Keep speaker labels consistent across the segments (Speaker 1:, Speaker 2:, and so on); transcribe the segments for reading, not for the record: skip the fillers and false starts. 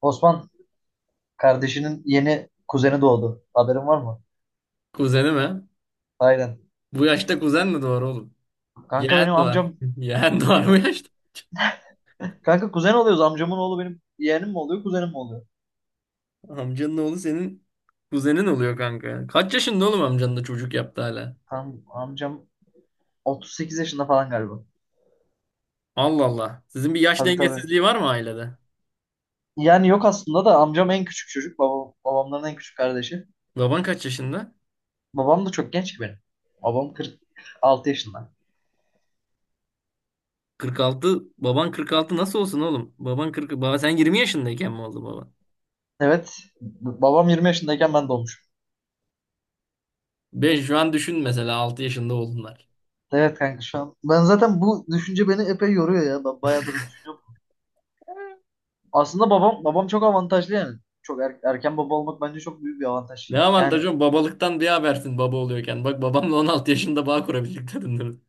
Speaker 1: Osman kardeşinin yeni kuzeni doğdu. Haberin var mı?
Speaker 2: Kuzeni mi?
Speaker 1: Aynen.
Speaker 2: Bu yaşta kuzen mi doğar oğlum?
Speaker 1: Kanka,
Speaker 2: Yeğen
Speaker 1: benim
Speaker 2: doğar.
Speaker 1: amcam,
Speaker 2: Yeğen doğar bu
Speaker 1: benim
Speaker 2: yaşta.
Speaker 1: kanka kuzen oluyoruz. Amcamın oğlu benim yeğenim mi oluyor, kuzenim mi oluyor?
Speaker 2: Amcanın oğlu senin kuzenin oluyor kanka. Kaç yaşında oğlum amcanın da çocuk yaptı hala?
Speaker 1: Tam amcam 38 yaşında falan galiba.
Speaker 2: Allah Allah. Sizin bir yaş
Speaker 1: Tabii,
Speaker 2: dengesizliği
Speaker 1: tabii.
Speaker 2: var mı ailede?
Speaker 1: Yani yok aslında, da amcam en küçük çocuk. Babam, babamların en küçük kardeşi.
Speaker 2: Baban kaç yaşında?
Speaker 1: Babam da çok genç ki benim. Babam 46 yaşında.
Speaker 2: 46. Baban 46 nasıl olsun oğlum? Baban 40. Baba sen 20 yaşındayken mi oldu baba?
Speaker 1: Evet. Babam 20 yaşındayken ben doğmuşum.
Speaker 2: Ben şu an düşün mesela 6 yaşında oldunlar.
Speaker 1: Evet kanka, şu an. Ben zaten bu düşünce beni epey yoruyor ya. Ben bayağıdır düşünüyorum. Aslında babam çok avantajlı yani. Çok erken baba olmak bence çok büyük bir
Speaker 2: Ne
Speaker 1: avantaj. Yani
Speaker 2: avantajı oğlum? Babalıktan bir habersin baba oluyorken. Bak babamla 16 yaşında bağ kurabildik dedin.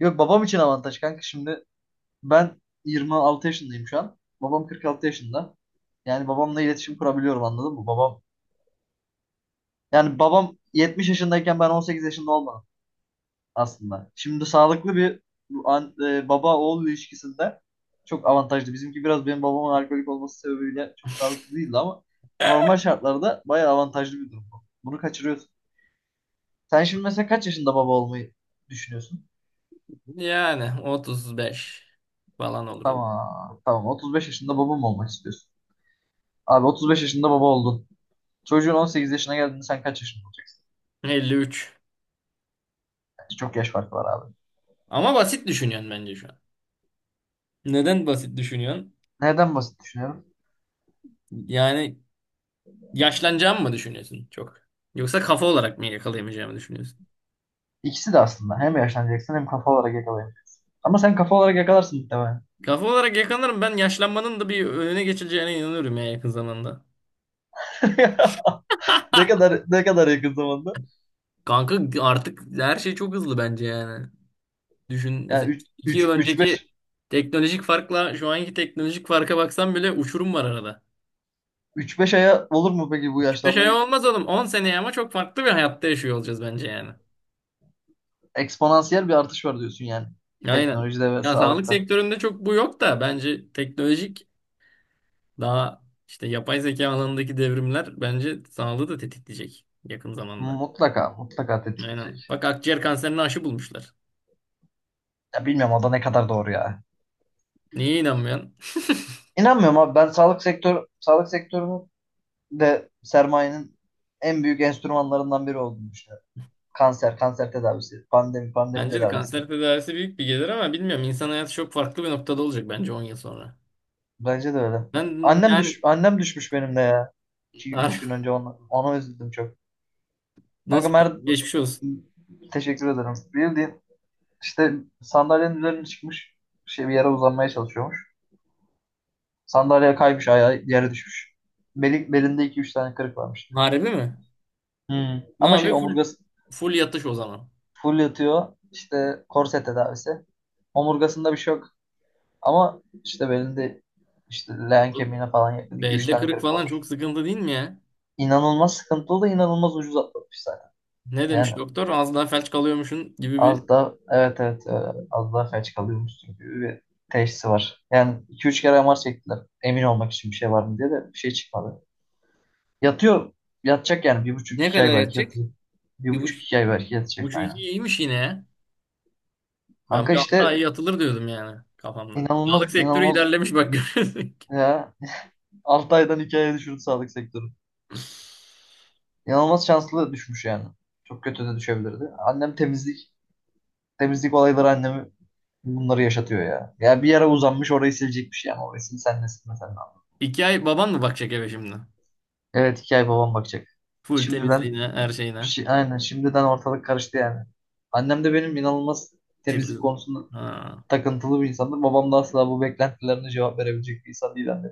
Speaker 1: yok babam için avantaj kanka. Şimdi ben 26 yaşındayım şu an. Babam 46 yaşında. Yani babamla iletişim kurabiliyorum, anladın mı? Babam 70 yaşındayken ben 18 yaşında olmadım aslında. Şimdi sağlıklı bir baba oğul ilişkisinde çok avantajlı. Bizimki biraz benim babamın alkolik olması sebebiyle çok sağlıklı değildi ama normal şartlarda bayağı avantajlı bir durum bu. Bunu kaçırıyorsun. Sen şimdi mesela kaç yaşında baba olmayı düşünüyorsun?
Speaker 2: Yani 35 falan olur.
Speaker 1: Tamam. Tamam. 35 yaşında baba mı olmak istiyorsun? Abi 35 yaşında baba oldun. Çocuğun 18 yaşına geldiğinde sen kaç yaşında olacaksın?
Speaker 2: 53.
Speaker 1: Bence çok yaş farkı var abi.
Speaker 2: Ama basit düşünüyorsun bence şu an. Neden basit düşünüyorsun?
Speaker 1: Neden basit düşünüyorum?
Speaker 2: Yani yaşlanacağımı mı düşünüyorsun çok? Yoksa kafa olarak mı yakalayamayacağımı düşünüyorsun?
Speaker 1: İkisi de aslında. Hem yaşlanacaksın hem kafa olarak yakalayabilirsin. Ama sen kafa olarak yakalarsın muhtemelen.
Speaker 2: Kafa olarak yakalarım, ben yaşlanmanın da bir önüne geçileceğine inanıyorum ya yakın zamanda.
Speaker 1: Ne kadar yakın zamanda?
Speaker 2: Kanka artık her şey çok hızlı bence yani. Düşün mesela
Speaker 1: Yani
Speaker 2: iki yıl
Speaker 1: 3 3 5
Speaker 2: önceki teknolojik farkla şu anki teknolojik farka baksan bile uçurum var arada.
Speaker 1: 3 5 aya olur mu peki bu
Speaker 2: Küçük bir şey
Speaker 1: yaşlanmayı?
Speaker 2: olmaz oğlum. 10 seneye ama çok farklı bir hayatta yaşıyor olacağız bence yani.
Speaker 1: Eksponansiyel bir artış var diyorsun yani.
Speaker 2: Aynen.
Speaker 1: Teknolojide ve
Speaker 2: Ya sağlık
Speaker 1: sağlıkta.
Speaker 2: sektöründe çok bu yok da bence teknolojik daha işte yapay zeka alanındaki devrimler bence sağlığı da tetikleyecek yakın zamanda.
Speaker 1: Mutlaka, mutlaka
Speaker 2: Aynen.
Speaker 1: tetikleyecek.
Speaker 2: Bak akciğer kanserine aşı bulmuşlar.
Speaker 1: Ya bilmiyorum, o da ne kadar doğru ya.
Speaker 2: Niye inanmıyorsun?
Speaker 1: İnanmıyorum abi, ben sağlık sektörünün de sermayenin en büyük enstrümanlarından biri olduğunu düşünüyorum. Kanser, kanser tedavisi, pandemi, pandemi
Speaker 2: Bence de
Speaker 1: tedavisi.
Speaker 2: kanser tedavisi büyük bir gelir ama bilmiyorum. İnsan hayatı çok farklı bir noktada olacak bence 10 yıl sonra.
Speaker 1: Bence de öyle.
Speaker 2: Ben yani…
Speaker 1: Annem düşmüş benim de ya. 2 üç gün önce ona üzüldüm çok. Kanka
Speaker 2: Nasıl, geçmiş olsun.
Speaker 1: Teşekkür ederim. Bildiğin işte sandalyenin üzerine çıkmış, şey, bir yere uzanmaya çalışıyormuş. Sandalyeye kaymış, ayağı yere düşmüş. Belinde iki üç tane kırık varmış.
Speaker 2: Harbi mi?
Speaker 1: Hmm.
Speaker 2: Ne
Speaker 1: Ama şey,
Speaker 2: abi, full
Speaker 1: omurgası.
Speaker 2: full yatış o zaman.
Speaker 1: Full yatıyor. İşte korse tedavisi. Omurgasında bir şey yok. Ama işte belinde, işte leğen
Speaker 2: Oğlum,
Speaker 1: kemiğine falan yakın iki üç
Speaker 2: belde
Speaker 1: tane
Speaker 2: kırık
Speaker 1: kırık
Speaker 2: falan
Speaker 1: var.
Speaker 2: çok sıkıntı değil mi ya?
Speaker 1: İnanılmaz sıkıntılı da inanılmaz ucuz atlatmış zaten.
Speaker 2: Ne
Speaker 1: Yani
Speaker 2: demiş doktor? Az daha felç kalıyormuşsun gibi bir...
Speaker 1: az da evet, evet, az daha felç kalıyormuşsun gibi bir teşhisi var. Yani iki üç kere MR çektiler. Emin olmak için bir şey var mı diye de bir şey çıkmadı. Yatıyor. Yatacak yani. Bir buçuk
Speaker 2: Ne
Speaker 1: iki
Speaker 2: kadar
Speaker 1: ay belki
Speaker 2: yatacak?
Speaker 1: yatacak. Bir
Speaker 2: Bir
Speaker 1: buçuk
Speaker 2: buçuk,
Speaker 1: iki ay belki yatacak
Speaker 2: buçuk iki
Speaker 1: aynen.
Speaker 2: iyiymiş yine ya. Ben
Speaker 1: Kanka
Speaker 2: bir altı
Speaker 1: işte
Speaker 2: ay yatılır diyordum yani kafamda. Sağlık
Speaker 1: inanılmaz,
Speaker 2: sektörü
Speaker 1: inanılmaz
Speaker 2: ilerlemiş bak görüyorsun ki.
Speaker 1: ya 6 aydan 2 aya düşürdü sağlık sektörü. İnanılmaz şanslı düşmüş yani. Çok kötü de düşebilirdi. Annem temizlik. Temizlik olayları annemi bunları yaşatıyor ya. Ya bir yere uzanmış orayı silecekmiş yani. Orayı sil sen de, silme sen de.
Speaker 2: İki ay baban mı bakacak eve şimdi?
Speaker 1: Evet 2 ay babam bakacak.
Speaker 2: Full
Speaker 1: Şimdiden,
Speaker 2: temizliğine, her şeyine.
Speaker 1: aynen şimdiden ortalık karıştı yani. Annem de benim inanılmaz temizlik
Speaker 2: Titiz.
Speaker 1: konusunda
Speaker 2: Ha.
Speaker 1: takıntılı bir insandır. Babam da asla bu beklentilerine cevap verebilecek bir insan değil, anne.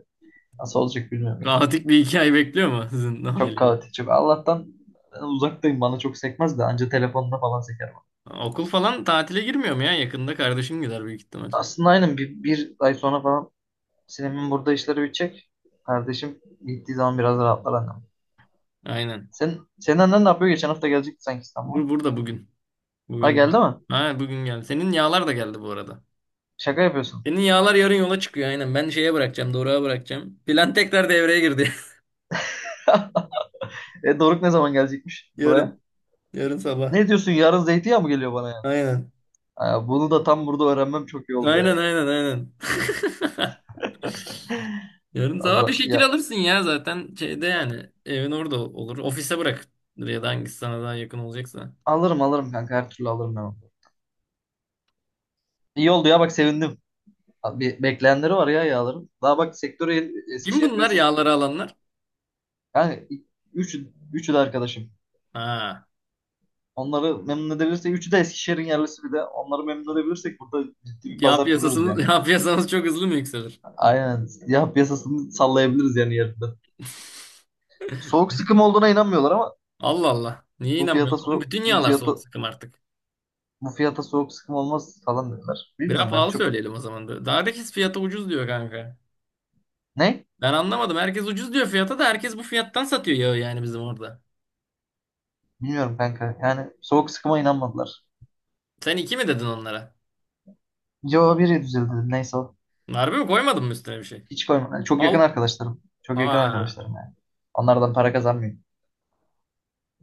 Speaker 1: Nasıl olacak bilmiyorum yani.
Speaker 2: Kaotik bir iki ay bekliyor mu sizin
Speaker 1: Çok
Speaker 2: aileyi?
Speaker 1: kaotik, çok. Allah'tan uzaktayım. Bana çok sekmez de anca telefonda falan seker bana.
Speaker 2: Okul falan tatile girmiyor mu ya? Yakında kardeşim gider büyük ihtimal.
Speaker 1: Aslında aynen bir ay sonra falan Sinem'in burada işleri bitecek. Kardeşim gittiği zaman biraz rahatlar annem.
Speaker 2: Aynen.
Speaker 1: Senin annen ne yapıyor? Geçen hafta gelecekti sanki
Speaker 2: Bur
Speaker 1: İstanbul'a.
Speaker 2: burada bugün.
Speaker 1: Ha,
Speaker 2: Bugün
Speaker 1: geldi
Speaker 2: gel.
Speaker 1: mi?
Speaker 2: Ha bugün geldi. Senin yağlar da geldi bu arada.
Speaker 1: Şaka yapıyorsun.
Speaker 2: Senin yağlar yarın yola çıkıyor aynen. Ben şeye bırakacağım, Doruk'a bırakacağım. Plan tekrar devreye girdi.
Speaker 1: E, Doruk ne zaman gelecekmiş buraya?
Speaker 2: Yarın. Yarın sabah.
Speaker 1: Ne diyorsun, yarın zeytinyağı mı geliyor bana ya?
Speaker 2: Aynen.
Speaker 1: Ha, bunu da tam burada öğrenmem çok iyi oldu yani.
Speaker 2: Aynen aynen aynen. Yarın sabah bir şekil
Speaker 1: Ya,
Speaker 2: alırsın ya zaten şeyde yani. Evin orada olur. Ofise bırak. Ya da hangisi sana daha yakın olacaksa.
Speaker 1: alırım, alırım kanka her türlü alırım ben onu. İyi oldu ya, bak sevindim. Abi bir bekleyenleri var ya yağların. Daha bak sektörü
Speaker 2: Kim
Speaker 1: Eskişehir
Speaker 2: bunlar
Speaker 1: piyasasını
Speaker 2: yağları alanlar?
Speaker 1: yani üç, üçü de arkadaşım.
Speaker 2: Ha.
Speaker 1: Onları memnun edebilirsek, üçü de Eskişehir'in yerlisi, bir de onları memnun edebilirsek burada ciddi bir
Speaker 2: Yağ
Speaker 1: pazar kurarız
Speaker 2: piyasasını,
Speaker 1: yani.
Speaker 2: yağ piyasanız çok hızlı mı yükselir?
Speaker 1: Aynen. Ya piyasasını sallayabiliriz yani yerinde. Soğuk sıkım olduğuna inanmıyorlar ama
Speaker 2: Allah Allah. Niye
Speaker 1: bu fiyata
Speaker 2: inanmıyorum?
Speaker 1: soğuk
Speaker 2: Bütün
Speaker 1: bu
Speaker 2: yağlar soğuk
Speaker 1: fiyata
Speaker 2: sıkım artık.
Speaker 1: bu fiyata soğuk sıkım olmaz falan dediler.
Speaker 2: Biraz
Speaker 1: Bilmiyorum, ben
Speaker 2: pahalı
Speaker 1: çok,
Speaker 2: söyleyelim o zaman da. Daha herkes fiyata ucuz diyor kanka.
Speaker 1: ne?
Speaker 2: Ben anlamadım. Herkes ucuz diyor fiyata da herkes bu fiyattan satıyor yağı yani bizim orada.
Speaker 1: Bilmiyorum kanka. Yani soğuk sıkıma inanmadılar.
Speaker 2: Sen iki mi dedin onlara?
Speaker 1: Yo, biri düzeldi. Neyse o.
Speaker 2: Harbi mi, koymadın mı üstüne bir şey?
Speaker 1: Hiç koymadım. Yani çok yakın
Speaker 2: Al.
Speaker 1: arkadaşlarım. Çok yakın
Speaker 2: Aa,
Speaker 1: arkadaşlarım yani. Onlardan para kazanmıyorum.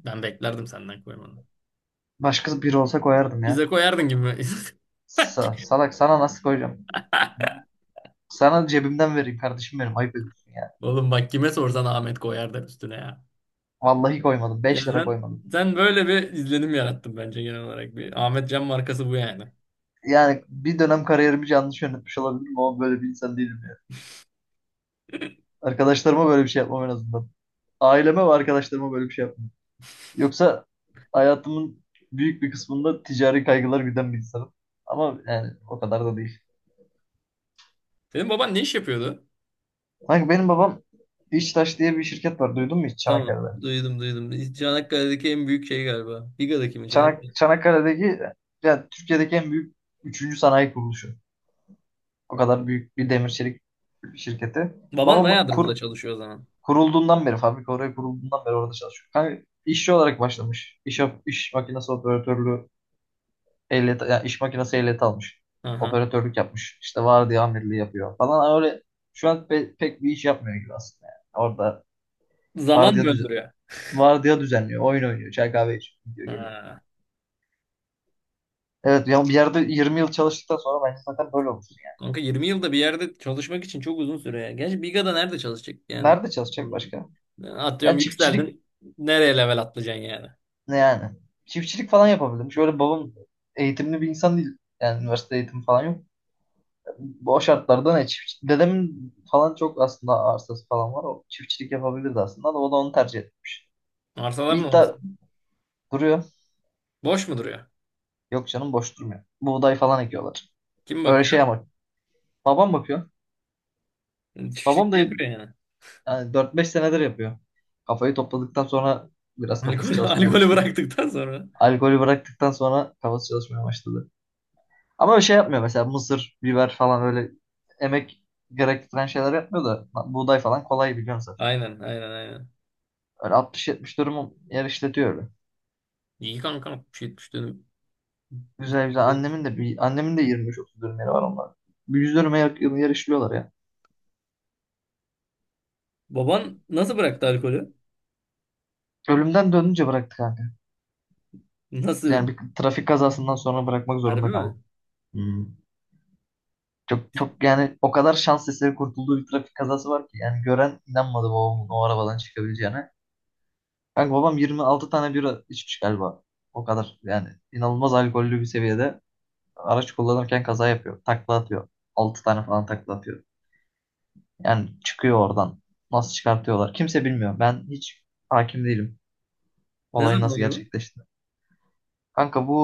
Speaker 2: ben beklerdim senden koymanı.
Speaker 1: Başkası biri olsa koyardım ya.
Speaker 2: Bize koyardın gibi mi? Sanki.
Speaker 1: Salak, sana nasıl koyacağım? Sana cebimden vereyim kardeşim benim. Ayıp ediyorsun ya.
Speaker 2: Oğlum bak kime sorsan Ahmet koyar der üstüne ya.
Speaker 1: Vallahi koymadım.
Speaker 2: Ya
Speaker 1: 5 lira
Speaker 2: sen,
Speaker 1: koymadım.
Speaker 2: sen böyle bir izlenim yarattın bence genel olarak. Bir Ahmet Can markası bu yani.
Speaker 1: Yani bir dönem kariyerimi yanlış yönetmiş olabilirim ama böyle bir insan değilim ya. Arkadaşlarıma böyle bir şey yapmam en azından. Aileme ve arkadaşlarıma böyle bir şey yapmam. Yoksa hayatımın büyük bir kısmında ticari kaygılar güden bir insanım. Ama yani o kadar da değil.
Speaker 2: Senin baban ne iş yapıyordu?
Speaker 1: Kanka benim babam, İçtaş diye bir şirket var. Duydun mu hiç
Speaker 2: Tamam.
Speaker 1: Çanakkale'de?
Speaker 2: Duydum. Çanakkale'deki en büyük şey galiba. Biga'daki mi? Çanakkale.
Speaker 1: Çanakkale'deki, yani Türkiye'deki en büyük üçüncü sanayi kuruluşu. O kadar büyük bir demir çelik şirketi.
Speaker 2: Baban
Speaker 1: Babam
Speaker 2: bayağıdır burada çalışıyor o zaman.
Speaker 1: kurulduğundan beri, fabrika oraya kurulduğundan beri orada çalışıyor. Kanka işçi olarak başlamış. İş makinesi operatörlüğü ehliyeti, yani iş makinesi ehliyeti almış.
Speaker 2: Aha.
Speaker 1: Operatörlük yapmış. İşte vardiya amirliği yapıyor falan. Öyle şu an pek bir iş yapmıyor gibi aslında. Yani. Orada
Speaker 2: Zaman mı
Speaker 1: vardiya düz
Speaker 2: öldürüyor?
Speaker 1: vardiya düzenliyor. Oyun oynuyor. Çay kahve içiyor. Gidiyor, geliyor.
Speaker 2: Ha.
Speaker 1: Evet ya bir yerde 20 yıl çalıştıktan sonra bence zaten böyle olursun yani.
Speaker 2: Kanka 20 yılda bir yerde çalışmak için çok uzun süre ya. Gerçi Biga'da nerede çalışacak yani?
Speaker 1: Nerede çalışacak
Speaker 2: Hmm.
Speaker 1: başka? Yani
Speaker 2: Atıyorum
Speaker 1: çiftçilik
Speaker 2: yükseldin. Nereye level atlayacaksın yani?
Speaker 1: ne yani? Çiftçilik falan yapabilirim. Şöyle babam eğitimli bir insan değil. Yani üniversite eğitimi falan yok. Bu o şartlarda ne çiftçilik? Dedemin falan çok aslında arsası falan var. O çiftçilik yapabilirdi aslında da o da onu tercih etmiş. Bir
Speaker 2: Arsalar ne oldu?
Speaker 1: iddia duruyor.
Speaker 2: Boş mu duruyor?
Speaker 1: Yok canım, boş durmuyor. Buğday falan ekiyorlar.
Speaker 2: Kim
Speaker 1: Öyle şey
Speaker 2: bakıyor?
Speaker 1: ama babam bakıyor. Babam
Speaker 2: Çiftlikte
Speaker 1: da,
Speaker 2: yapıyor yani.
Speaker 1: yani 4-5 senedir yapıyor. Kafayı topladıktan sonra biraz kafası
Speaker 2: Alkol,
Speaker 1: çalışmaya
Speaker 2: alkolü
Speaker 1: başladı.
Speaker 2: bıraktıktan sonra.
Speaker 1: Alkolü bıraktıktan sonra kafası çalışmaya başladı. Ama bir şey yapmıyor mesela, mısır, biber falan öyle emek gerektiren şeyler yapmıyor da buğday falan kolay biliyorsun zaten.
Speaker 2: Aynen aynen aynen.
Speaker 1: Öyle 60-70 dönüm yer işletiyor öyle.
Speaker 2: İyi kanka, 60-70 dönüm.
Speaker 1: Güzel, güzel. Annemin de 25-30 dönüm yeri var onlar. Bir 100 dönüme yakın yer işliyorlar ya.
Speaker 2: Baban nasıl bıraktı alkolü?
Speaker 1: Ölümden dönünce bıraktık kanka.
Speaker 2: Nasıl?
Speaker 1: Yani bir trafik kazasından sonra bırakmak
Speaker 2: Harbi
Speaker 1: zorunda
Speaker 2: mi?
Speaker 1: kaldım. Hmm. Çok, çok yani, o kadar şans eseri kurtulduğu bir trafik kazası var ki yani gören inanmadı babamın o arabadan çıkabileceğine. Kanka babam 26 tane bira içmiş galiba. O kadar yani inanılmaz alkollü bir seviyede araç kullanırken kaza yapıyor. Takla atıyor. 6 tane falan takla atıyor. Yani çıkıyor oradan. Nasıl çıkartıyorlar? Kimse bilmiyor. Ben hiç hakim değilim
Speaker 2: Ne
Speaker 1: olayın
Speaker 2: zaman
Speaker 1: nasıl
Speaker 2: oluyor bu?
Speaker 1: gerçekleşti. Kanka bu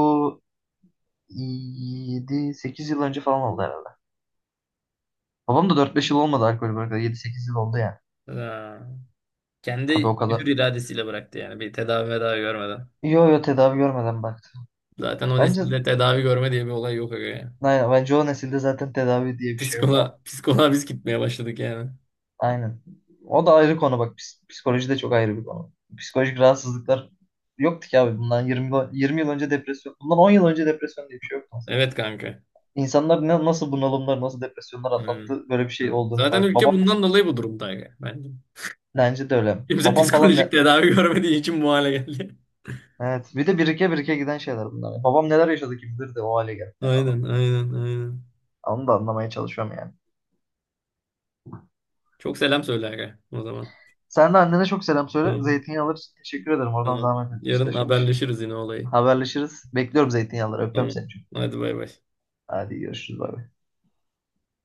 Speaker 1: yedi sekiz yıl önce falan oldu herhalde. Babam da dört beş yıl olmadı alkol bırakalı. Yedi sekiz yıl oldu yani.
Speaker 2: Ha.
Speaker 1: Tabii
Speaker 2: Kendi
Speaker 1: o kadar,
Speaker 2: hür iradesiyle bıraktı yani. Bir tedavi medavi görmeden.
Speaker 1: yo, yo tedavi görmeden baktı.
Speaker 2: Zaten o
Speaker 1: Bence
Speaker 2: nesilde tedavi görme diye bir olay yok aga ya.
Speaker 1: aynen, bence o nesilde zaten tedavi diye bir şey yok
Speaker 2: Psikoloğa,
Speaker 1: abi.
Speaker 2: psikoloğa biz gitmeye başladık yani.
Speaker 1: Aynen. O da ayrı konu bak. Psikoloji de çok ayrı bir konu. Psikolojik rahatsızlıklar yoktu ki abi. Bundan 20, 20 yıl önce depresyon. Bundan 10 yıl önce depresyon diye bir şey yoktu mesela.
Speaker 2: Evet kanka.
Speaker 1: İnsanlar nasıl bunalımlar, nasıl depresyonlar
Speaker 2: Hmm.
Speaker 1: atlattı, böyle bir şey olduğunu
Speaker 2: Zaten
Speaker 1: fark.
Speaker 2: ülke
Speaker 1: Babam mesela
Speaker 2: bundan dolayı bu durumda aga, bence.
Speaker 1: bence de öyle.
Speaker 2: Kimse
Speaker 1: Babam falan
Speaker 2: psikolojik
Speaker 1: ne?
Speaker 2: tedavi görmediği için bu hale geldi.
Speaker 1: Evet. Bir de birike birike giden şeyler bunlar. Babam neler yaşadı kim bilir de o hale geldi. Yani.
Speaker 2: Aynen.
Speaker 1: Onu da anlamaya çalışıyorum yani.
Speaker 2: Çok selam söyle aga, o zaman.
Speaker 1: Sen de annene çok selam söyle.
Speaker 2: Tamam,
Speaker 1: Zeytinyağları için teşekkür ederim. Oradan
Speaker 2: tamam.
Speaker 1: zahmet etmiş
Speaker 2: Yarın
Speaker 1: taşımış.
Speaker 2: haberleşiriz yine olayı.
Speaker 1: Haberleşiriz. Bekliyorum zeytinyağları. Öpüyorum
Speaker 2: Tamam.
Speaker 1: seni çok.
Speaker 2: Hadi bay bay.
Speaker 1: Hadi görüşürüz. Bay bay.